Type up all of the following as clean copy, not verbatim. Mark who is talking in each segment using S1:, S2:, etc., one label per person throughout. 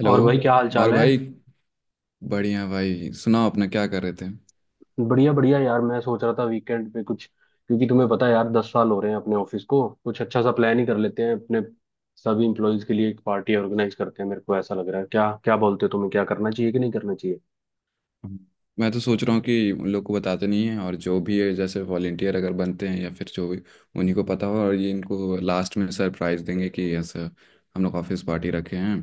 S1: Hello.
S2: और भाई, क्या हाल
S1: और
S2: चाल है?
S1: भाई। बढ़िया भाई, सुनाओ अपना क्या कर रहे थे?
S2: बढ़िया बढ़िया यार, मैं सोच रहा था वीकेंड पे कुछ। क्योंकि तुम्हें पता है यार, 10 साल हो रहे हैं अपने ऑफिस को, कुछ अच्छा सा प्लान ही कर लेते हैं। अपने सभी इम्प्लॉयज के लिए एक पार्टी ऑर्गेनाइज करते हैं, मेरे को ऐसा लग रहा है। क्या क्या बोलते हो, तुम्हें क्या करना चाहिए कि नहीं करना चाहिए?
S1: मैं तो सोच रहा हूँ कि उन लोग को बताते नहीं है, और जो भी है जैसे वॉलेंटियर अगर बनते हैं या फिर जो भी उन्हीं को पता हो, और ये इनको लास्ट में सरप्राइज देंगे कि ऐसा हम लोग ऑफिस पार्टी रखे हैं।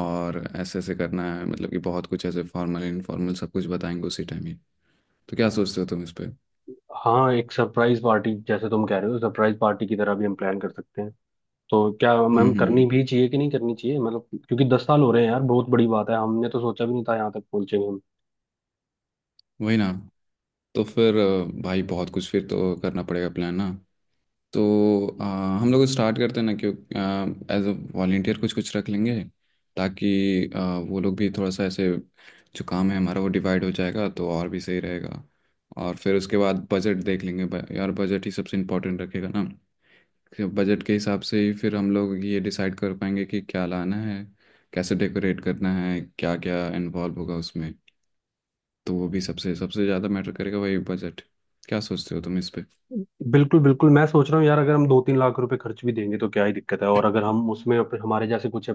S1: और ऐसे ऐसे करना है, मतलब कि बहुत कुछ ऐसे फॉर्मल इनफॉर्मल सब कुछ बताएंगे उसी टाइम ही। तो क्या सोचते हो तुम इस पे?
S2: हाँ, एक सरप्राइज पार्टी, जैसे तुम कह रहे हो, सरप्राइज पार्टी की तरह भी हम प्लान कर सकते हैं। तो क्या
S1: हम्म।
S2: मैम, करनी
S1: हम्म।
S2: भी चाहिए कि नहीं करनी चाहिए? मतलब क्योंकि 10 साल हो रहे हैं यार, बहुत बड़ी बात है, हमने तो सोचा भी नहीं था यहाँ तक पहुंचेंगे।
S1: वही ना। तो फिर भाई बहुत कुछ फिर तो करना पड़ेगा प्लान ना। तो हम लोग स्टार्ट करते हैं ना, क्यों? एज अ वॉलेंटियर कुछ कुछ रख लेंगे, ताकि अ, वो लोग भी थोड़ा सा ऐसे, जो काम है हमारा वो डिवाइड हो जाएगा तो और भी सही रहेगा। और फिर उसके बाद बजट देख लेंगे, यार बजट ही सबसे इम्पोर्टेंट रखेगा ना। बजट के हिसाब से ही फिर हम लोग ये डिसाइड कर पाएंगे कि क्या लाना है, कैसे डेकोरेट करना है, क्या क्या इन्वॉल्व होगा उसमें। तो वो भी सबसे सबसे ज़्यादा मैटर करेगा, वही बजट। क्या सोचते हो तुम इस पे?
S2: बिल्कुल बिल्कुल, मैं सोच रहा हूँ यार, अगर हम 2-3 लाख रुपए खर्च भी देंगे तो क्या ही दिक्कत है। और अगर हम उसमें हमारे जैसे कुछ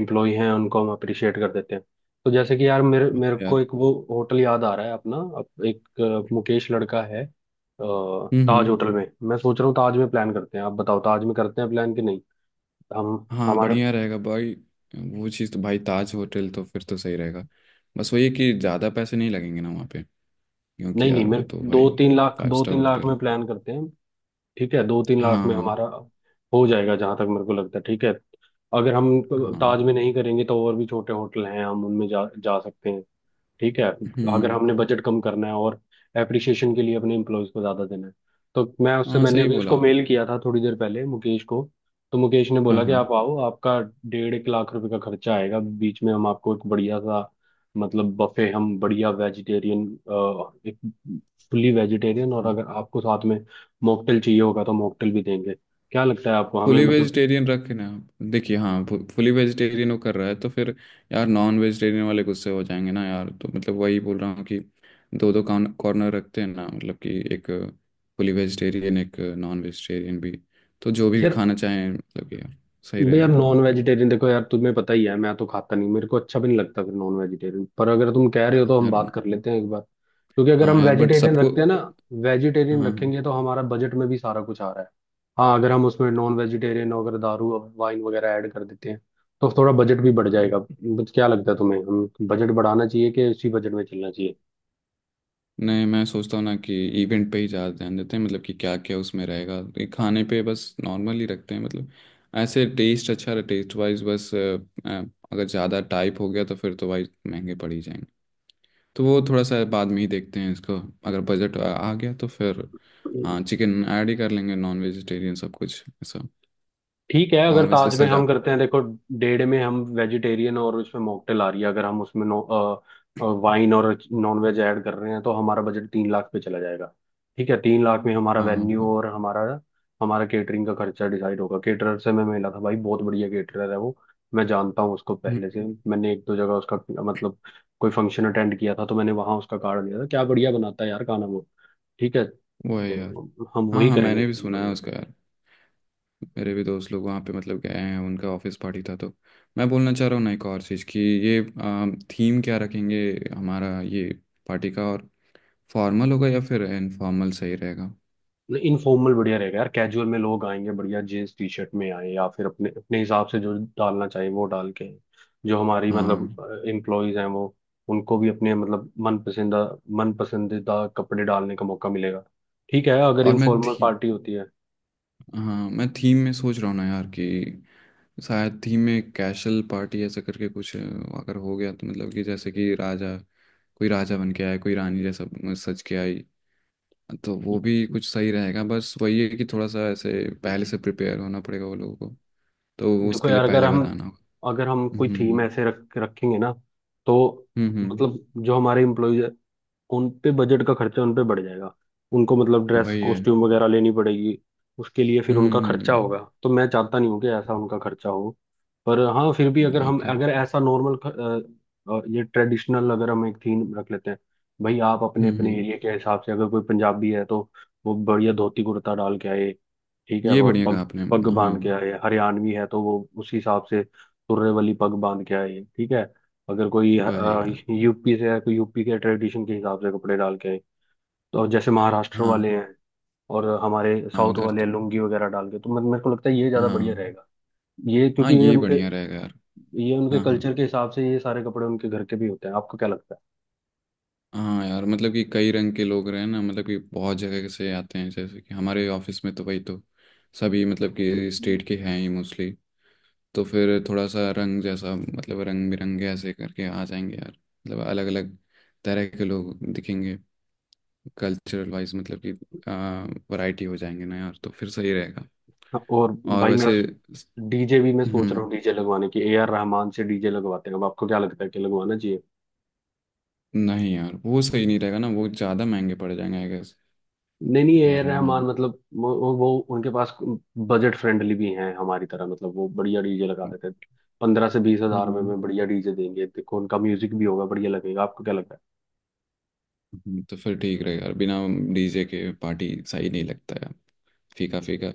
S2: एम्प्लॉय हैं उनको हम अप्रिशिएट कर देते हैं। तो जैसे कि यार, मेरे
S1: हाँ
S2: मेरे को
S1: यार।
S2: एक वो होटल याद आ रहा है अपना। एक मुकेश लड़का है,
S1: हम्म
S2: ताज
S1: हम्म।
S2: होटल में। मैं सोच रहा हूँ, ताज में प्लान करते हैं। आप बताओ, ताज में करते हैं प्लान कि नहीं? हम
S1: हाँ
S2: हमारे
S1: बढ़िया रहेगा भाई। वो चीज़ तो भाई, ताज होटल तो फिर तो सही रहेगा। बस वही है कि ज़्यादा पैसे नहीं लगेंगे ना वहाँ पे, क्योंकि
S2: नहीं नहीं,
S1: यार वो
S2: मेरे
S1: तो
S2: दो
S1: भाई
S2: तीन लाख
S1: फाइव
S2: दो
S1: स्टार
S2: तीन लाख
S1: होटल है।
S2: में प्लान करते हैं। ठीक है, दो तीन
S1: हाँ
S2: लाख में
S1: हाँ।
S2: हमारा हो जाएगा, जहां तक मेरे को लगता है। ठीक है, अगर हम ताज
S1: हाँ।
S2: में नहीं करेंगे तो और भी छोटे होटल हैं, हम उनमें जा जा सकते हैं। ठीक है, अगर
S1: हम्म।
S2: हमने बजट कम करना है और एप्रिसिएशन के लिए अपने एम्प्लॉयज को ज़्यादा देना है, तो मैं उससे,
S1: हाँ
S2: मैंने
S1: सही
S2: अभी
S1: बोला।
S2: उसको मेल किया था थोड़ी देर पहले, मुकेश को। तो मुकेश ने
S1: हाँ
S2: बोला कि
S1: हाँ।
S2: आप आओ, आपका 1.5 लाख रुपए का खर्चा आएगा। बीच में हम आपको एक बढ़िया सा मतलब बफे, हम बढ़िया वेजिटेरियन एक फुल्ली वेजिटेरियन, और
S1: हाँ।
S2: अगर आपको साथ में मॉकटेल चाहिए होगा तो मॉकटेल भी देंगे। क्या लगता है आपको, हमें
S1: फुली
S2: मतलब?
S1: वेजिटेरियन रखे ना आप। देखिए हाँ। फुली वेजिटेरियन वो कर रहा है तो फिर यार नॉन वेजिटेरियन वाले गुस्से हो जाएंगे ना यार, तो मतलब वही बोल रहा हूँ कि दो दो कॉर्नर रखते हैं ना, मतलब कि एक फुली वेजिटेरियन, एक नॉन वेजिटेरियन भी। तो जो भी
S2: यार
S1: खाना चाहें, मतलब कि यार सही
S2: भाई यार,
S1: रहेगा ना।
S2: नॉन वेजिटेरियन देखो यार, तुम्हें पता ही है मैं तो खाता नहीं, मेरे को अच्छा भी नहीं लगता। फिर नॉन वेजिटेरियन पर अगर तुम कह रहे हो
S1: हाँ
S2: तो हम
S1: यार।
S2: बात कर लेते हैं एक बार, क्योंकि अगर
S1: हाँ
S2: हम
S1: यार बट
S2: वेजिटेरियन
S1: सबको।
S2: रखते हैं ना, वेजिटेरियन
S1: हाँ
S2: रखेंगे तो हमारा बजट में भी सारा कुछ आ रहा है। हाँ, अगर हम उसमें नॉन वेजिटेरियन, अगर दारू और वाइन वगैरह ऐड कर देते हैं तो थोड़ा बजट भी बढ़
S1: हाँ।
S2: जाएगा। बट क्या लगता है तुम्हें, हम बजट बढ़ाना चाहिए कि उसी बजट में चलना चाहिए?
S1: नहीं, मैं सोचता हूँ ना कि इवेंट पे ही ज़्यादा ध्यान देते हैं, मतलब कि क्या क्या उसमें रहेगा, ये खाने पे बस नॉर्मल ही रखते हैं, मतलब ऐसे टेस्ट अच्छा रहे, टेस्ट वाइज बस अ, अगर ज़्यादा टाइप हो गया तो फिर तो भाई महंगे पड़ ही जाएंगे। तो वो थोड़ा सा बाद में ही देखते हैं इसको। अगर बजट आ आ गया तो फिर हाँ चिकन ऐड ही कर लेंगे, नॉन वेजिटेरियन सब कुछ ऐसा।
S2: ठीक है, अगर
S1: और वैसे
S2: ताज में
S1: सजा।
S2: हम करते हैं देखो, डेढ़ में हम वेजिटेरियन और उसमें मॉकटेल आ रही है, अगर हम उसमें नो वाइन और नॉन वेज ऐड कर रहे हैं तो हमारा बजट 3 लाख पे चला जाएगा। ठीक है, 3 लाख में हमारा
S1: हाँ।
S2: वेन्यू और हमारा हमारा केटरिंग का खर्चा डिसाइड होगा। केटरर से मैं मिला था भाई, बहुत बढ़िया केटरर है वो, मैं जानता हूँ उसको पहले
S1: हम्म।
S2: से। मैंने एक दो जगह उसका मतलब कोई फंक्शन अटेंड किया था, तो मैंने वहां उसका कार्ड लिया था। क्या बढ़िया बनाता है यार खाना वो। ठीक है,
S1: वो है यार।
S2: तो हम
S1: हाँ
S2: वही
S1: हाँ
S2: करेंगे।
S1: मैंने भी सुना है
S2: बढ़िया।
S1: उसका यार। मेरे भी दोस्त लोग वहाँ पे मतलब गए हैं, उनका ऑफिस पार्टी था। तो मैं बोलना चाह रहा हूँ ना एक और चीज़ कि ये थीम क्या रखेंगे हमारा ये पार्टी का, और फॉर्मल होगा या फिर इनफॉर्मल सही रहेगा?
S2: इनफॉर्मल बढ़िया रहेगा यार, कैजुअल में लोग आएंगे, बढ़िया जींस टी शर्ट में आए या फिर अपने अपने हिसाब से जो डालना चाहिए वो डाल के। जो हमारी
S1: हाँ
S2: मतलब एम्प्लॉयज हैं वो, उनको भी अपने मतलब मन पसंदीदा कपड़े डालने का मौका मिलेगा। ठीक है अगर
S1: और मैं
S2: इनफॉर्मल
S1: थी।
S2: पार्टी होती है।
S1: हाँ मैं थीम में सोच रहा हूँ ना यार कि शायद थीम में कैशल पार्टी ऐसा करके कुछ अगर हो गया तो, मतलब कि जैसे कि राजा, कोई राजा बन के आए, कोई रानी जैसा सज के आई, तो वो भी कुछ सही रहेगा। बस वही है कि थोड़ा सा ऐसे पहले से प्रिपेयर होना पड़ेगा वो लोगों को, तो
S2: देखो
S1: उसके लिए
S2: यार,
S1: पहले बताना होगा।
S2: अगर हम कोई थीम
S1: हम्म।
S2: ऐसे रख रखेंगे ना, तो
S1: हम्म। हम्म।
S2: मतलब जो हमारे एम्प्लॉयज, उन पे बजट का खर्चा, उन पे बढ़ जाएगा। उनको मतलब
S1: हम्म।
S2: ड्रेस
S1: वही है।
S2: कॉस्ट्यूम वगैरह लेनी पड़ेगी, उसके लिए फिर उनका खर्चा
S1: हम्म।
S2: होगा। तो मैं चाहता नहीं हूँ कि ऐसा उनका खर्चा हो। पर हाँ, फिर भी
S1: ओके।
S2: अगर
S1: हम्म।
S2: हम,
S1: okay।
S2: अगर ऐसा नॉर्मल ये ट्रेडिशनल अगर हम एक थीम रख लेते हैं, भाई आप अपने
S1: हम्म।
S2: अपने
S1: हम्म।
S2: एरिया के हिसाब से, अगर कोई पंजाबी है तो वो बढ़िया धोती कुर्ता डाल के आए। ठीक है,
S1: ये
S2: और
S1: बढ़िया कहा
S2: पग,
S1: आपने।
S2: पग
S1: हाँ।
S2: बांध के आए। हरियाणवी है तो वो उसी हिसाब से तुर्रे वाली पग बांध के आए। ठीक है, अगर कोई
S1: वही यार।
S2: यूपी से है, कोई यूपी के ट्रेडिशन के हिसाब से कपड़े डाल के आए। तो अब जैसे महाराष्ट्र
S1: हाँ।
S2: वाले हैं और हमारे
S1: हाँ
S2: साउथ
S1: उधर
S2: वाले
S1: तो।
S2: हैं, लुंगी वगैरह डाल के। तो मेरे को लगता है ये ज्यादा बढ़िया
S1: हाँ।
S2: रहेगा। ये
S1: हाँ
S2: क्योंकि ये
S1: ये
S2: उनके,
S1: बढ़िया रहेगा यार।
S2: ये उनके
S1: हाँ हाँ।
S2: कल्चर के हिसाब से ये सारे कपड़े उनके घर के भी होते हैं। आपको क्या लगता है?
S1: हाँ यार मतलब कि कई रंग के लोग रहे हैं ना, मतलब कि बहुत जगह से आते हैं, जैसे कि हमारे ऑफिस में तो वही तो सभी, मतलब कि स्टेट के हैं ही मोस्टली। तो फिर थोड़ा सा रंग जैसा, मतलब रंग बिरंगे ऐसे करके आ जाएंगे यार, मतलब अलग अलग तरह के लोग दिखेंगे। कल्चरल वाइज मतलब कि वैरायटी हो जाएंगे ना यार, तो फिर सही रहेगा।
S2: हाँ, और
S1: और
S2: भाई मैं,
S1: वैसे।
S2: डीजे भी मैं सोच रहा
S1: हम्म।
S2: हूँ डीजे लगवाने की, ए आर रहमान से डीजे लगवाते हैं। अब आपको क्या लगता है, कि लगवाना चाहिए?
S1: नहीं यार वो सही नहीं रहेगा ना, वो ज़्यादा महंगे पड़ जाएंगे आई गेस।
S2: नहीं नहीं,
S1: यार
S2: ए रहमान
S1: रहमान।
S2: मतलब वो उनके पास बजट फ्रेंडली भी हैं हमारी तरह। मतलब वो बढ़िया डीजे लगा देते हैं, 15 से 20 हजार रुपए
S1: हाँ।
S2: में बढ़िया डीजे देंगे। देखो उनका म्यूजिक भी होगा, बढ़िया लगेगा। आपको क्या लगता?
S1: हम्म। तो फिर ठीक रहेगा यार, बिना डीजे के पार्टी सही नहीं लगता यार, फीका फीका।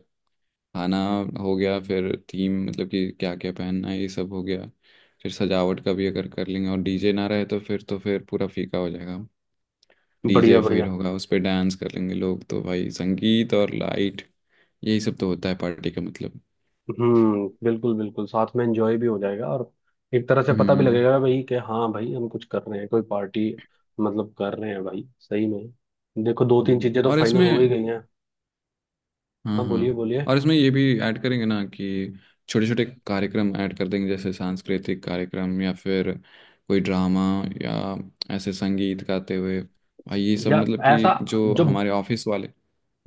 S1: खाना हो गया, फिर थीम मतलब कि क्या क्या पहनना है ये सब हो गया, फिर सजावट का भी अगर कर लेंगे, और डीजे ना रहे तो फिर पूरा फीका हो जाएगा।
S2: है बढ़िया
S1: डीजे फिर
S2: बढ़िया।
S1: होगा, उस पर डांस कर लेंगे लोग, तो भाई संगीत और लाइट, यही सब तो होता है पार्टी का मतलब।
S2: हम्म, बिल्कुल बिल्कुल। साथ में एंजॉय भी हो जाएगा और एक तरह से पता भी
S1: हम्म।
S2: लगेगा भाई, कि हाँ भाई हम कुछ कर रहे हैं, कोई पार्टी मतलब कर रहे हैं भाई सही में। देखो, दो तीन चीजें तो
S1: और
S2: फाइनल हो ही
S1: इसमें।
S2: गई हैं।
S1: हाँ
S2: हाँ बोलिए
S1: हाँ,
S2: बोलिए।
S1: और इसमें ये भी ऐड करेंगे ना कि छोटे छोटे कार्यक्रम ऐड कर देंगे, जैसे सांस्कृतिक कार्यक्रम या फिर कोई ड्रामा या ऐसे संगीत गाते हुए, भाई ये सब
S2: या
S1: मतलब कि
S2: ऐसा
S1: जो
S2: जो,
S1: हमारे ऑफिस वाले।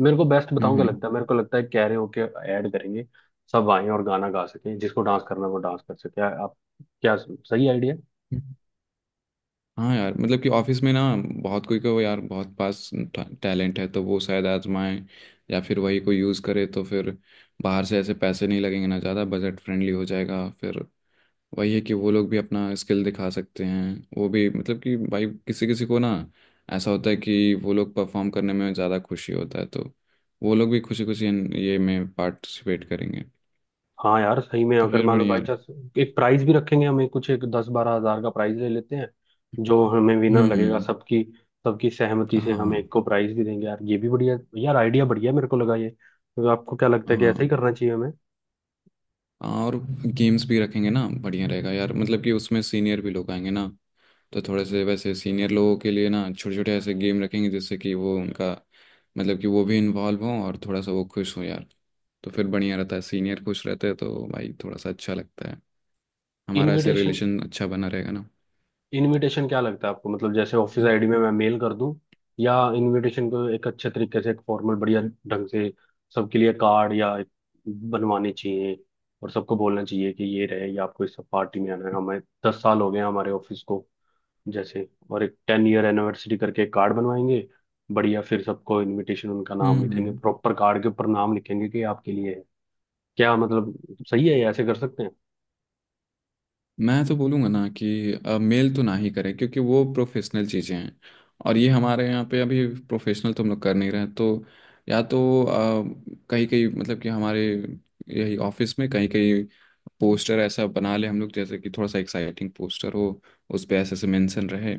S2: मेरे को बेस्ट बताऊं क्या
S1: हम्म।
S2: लगता है, मेरे को लगता है कैरे होके ऐड करेंगे। सब आए और गाना गा सकें, जिसको डांस करना है वो डांस कर सके। आप क्या, सही आइडिया?
S1: हम्म। हाँ यार मतलब कि ऑफिस में ना बहुत कोई को यार बहुत पास टैलेंट है, तो वो शायद आजमाएं या फिर वही को यूज़ करे, तो फिर बाहर से ऐसे पैसे नहीं लगेंगे ना ज़्यादा, बजट फ्रेंडली हो जाएगा फिर। वही है कि वो लोग भी अपना स्किल दिखा सकते हैं, वो भी, मतलब कि भाई किसी किसी को ना ऐसा होता है कि वो लोग परफॉर्म करने में ज़्यादा खुशी होता है, तो वो लोग भी खुशी खुशी ये में पार्टिसिपेट करेंगे।
S2: हाँ यार, सही में
S1: तो
S2: अगर
S1: फिर
S2: मान लो
S1: बढ़िया
S2: बाई
S1: है।
S2: चांस एक प्राइज भी रखेंगे, हमें कुछ एक 10-12 हजार का प्राइज ले लेते हैं, जो हमें विनर लगेगा,
S1: हम्म।
S2: सबकी सबकी सहमति से हम
S1: हाँ
S2: एक को प्राइज भी देंगे। यार ये भी बढ़िया यार आइडिया, बढ़िया मेरे को लगा ये तो। आपको क्या लगता
S1: हाँ।
S2: है, कि
S1: हाँ
S2: ऐसा ही करना चाहिए हमें?
S1: और गेम्स भी रखेंगे ना, बढ़िया रहेगा यार, मतलब कि उसमें सीनियर भी लोग आएंगे ना, तो थोड़े से वैसे सीनियर लोगों के लिए ना छोटे छोटे ऐसे गेम रखेंगे, जिससे कि वो उनका मतलब कि वो भी इन्वॉल्व हों और थोड़ा सा वो खुश हों यार। तो फिर बढ़िया रहता है, सीनियर खुश रहते हैं तो भाई थोड़ा सा अच्छा लगता है, हमारा ऐसे
S2: इनविटेशन
S1: रिलेशन अच्छा बना रहेगा ना।
S2: इनविटेशन क्या लगता है आपको, मतलब जैसे ऑफिस आईडी में मैं मेल कर दूं, या इनविटेशन को एक अच्छे तरीके से एक फॉर्मल बढ़िया ढंग से सबके लिए कार्ड या एक बनवाने चाहिए। और सबको बोलना चाहिए कि ये रहे, ये आपको इस पार्टी में आना है। हमें 10 साल हो गए हैं हमारे ऑफिस को, जैसे और एक 10 ईयर एनिवर्सरी करके एक कार्ड बनवाएंगे। बढ़िया, फिर सबको इनविटेशन, उनका नाम लिखेंगे
S1: हम्म।
S2: प्रॉपर कार्ड के ऊपर, नाम लिखेंगे कि आपके लिए है। क्या मतलब सही है ये, ऐसे कर सकते हैं?
S1: मैं तो बोलूँगा ना कि मेल तो ना ही करें, क्योंकि वो प्रोफेशनल चीज़ें हैं, और ये हमारे यहाँ पे अभी प्रोफेशनल तो हम लोग कर नहीं रहे हैं। तो या तो कहीं कहीं, मतलब कि हमारे यही ऑफिस में कहीं कहीं पोस्टर ऐसा बना ले हम लोग, जैसे कि थोड़ा सा एक्साइटिंग पोस्टर हो, उस पे ऐसे ऐसे मेंशन रहे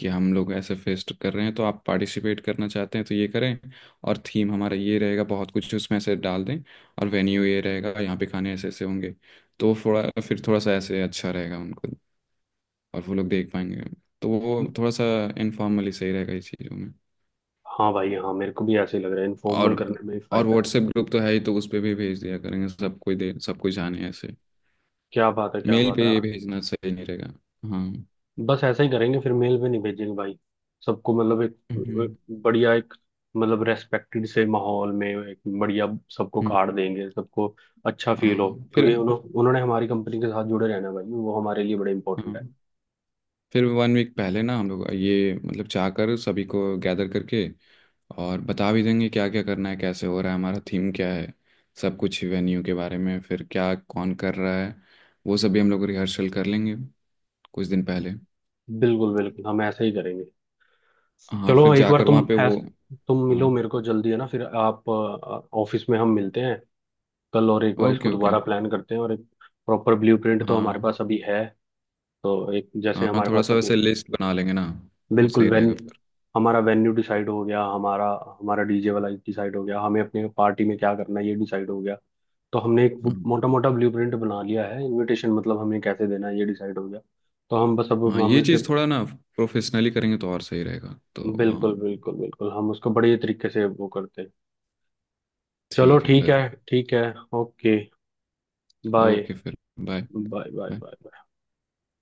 S1: कि हम लोग ऐसे फेस्ट कर रहे हैं, तो आप पार्टिसिपेट करना चाहते हैं तो ये करें, और थीम हमारा ये रहेगा बहुत कुछ उसमें से डाल दें, और वेन्यू ये रहेगा, यहाँ पे खाने ऐसे ऐसे होंगे, तो थोड़ा फिर थोड़ा सा ऐसे अच्छा रहेगा उनको, और वो लोग देख पाएंगे, तो वो थोड़ा सा इनफॉर्मली सही रहेगा इस चीज़ों में।
S2: हाँ भाई हाँ, मेरे को भी ऐसे ही लग रहा है,
S1: और
S2: इनफॉर्मल करने में ही
S1: और
S2: फायदा है।
S1: व्हाट्सएप ग्रुप तो है ही, तो उस पर भी भेज दिया करेंगे, सब कोई दे सब कोई जाने ऐसे।
S2: क्या बात है, क्या
S1: मेल
S2: बात
S1: पे
S2: है।
S1: ये भेजना सही नहीं रहेगा। हाँ।
S2: बस ऐसा ही करेंगे, फिर मेल पे नहीं भेजेंगे भाई। सबको मतलब एक,
S1: हम्म।
S2: एक बढ़िया एक मतलब रेस्पेक्टेड से माहौल में एक बढ़िया सबको
S1: हम्म।
S2: कार्ड देंगे, सबको अच्छा फील हो।
S1: हाँ फिर।
S2: क्योंकि उन्होंने हमारी कंपनी के साथ जुड़े रहना है भाई, वो हमारे लिए बड़े इंपॉर्टेंट
S1: हाँ
S2: है।
S1: फिर वन वीक पहले ना हम लोग ये मतलब चाहकर सभी को गैदर करके और बता भी देंगे क्या क्या करना है, कैसे हो रहा है हमारा, थीम क्या है सब कुछ, वेन्यू के बारे में, फिर क्या कौन कर रहा है, वो सभी हम लोग रिहर्सल कर लेंगे कुछ दिन पहले।
S2: बिल्कुल बिल्कुल हम ऐसा ही करेंगे।
S1: हाँ और
S2: चलो
S1: फिर
S2: एक बार
S1: जाकर वहाँ
S2: तुम
S1: पे
S2: ऐस
S1: वो।
S2: तुम
S1: हाँ।
S2: मिलो, मेरे को जल्दी है ना। फिर आप ऑफिस में हम मिलते हैं कल, और एक बार
S1: ओके
S2: इसको
S1: ओके।
S2: दोबारा प्लान करते हैं। और एक प्रॉपर ब्लूप्रिंट तो हमारे
S1: हाँ।
S2: पास अभी है, तो एक जैसे
S1: हाँ
S2: हमारे
S1: थोड़ा
S2: पास
S1: सा
S2: अभी,
S1: वैसे लिस्ट बना लेंगे ना। वो
S2: बिल्कुल।
S1: सही
S2: वेन
S1: रहेगा फिर।
S2: हमारा वेन्यू डिसाइड हो गया, हमारा, हमारा डीजे वाला डिसाइड हो गया, हमें अपने पार्टी में क्या करना है ये डिसाइड हो गया। तो हमने एक
S1: हाँ।
S2: मोटा मोटा ब्लूप्रिंट बना लिया है। इनविटेशन मतलब हमें कैसे देना है ये डिसाइड हो गया। तो हम बस अब
S1: हाँ
S2: हम
S1: ये
S2: उसे,
S1: चीज़ थोड़ा ना प्रोफेशनली करेंगे तो और सही रहेगा, तो
S2: बिल्कुल
S1: हाँ।
S2: बिल्कुल बिल्कुल हम उसको बड़े तरीके से वो करते हैं। चलो
S1: ठीक है
S2: ठीक
S1: फिर।
S2: है। ठीक है। ओके। बाय।
S1: ओके फिर। Bye.
S2: Bye bye
S1: bye.
S2: Bye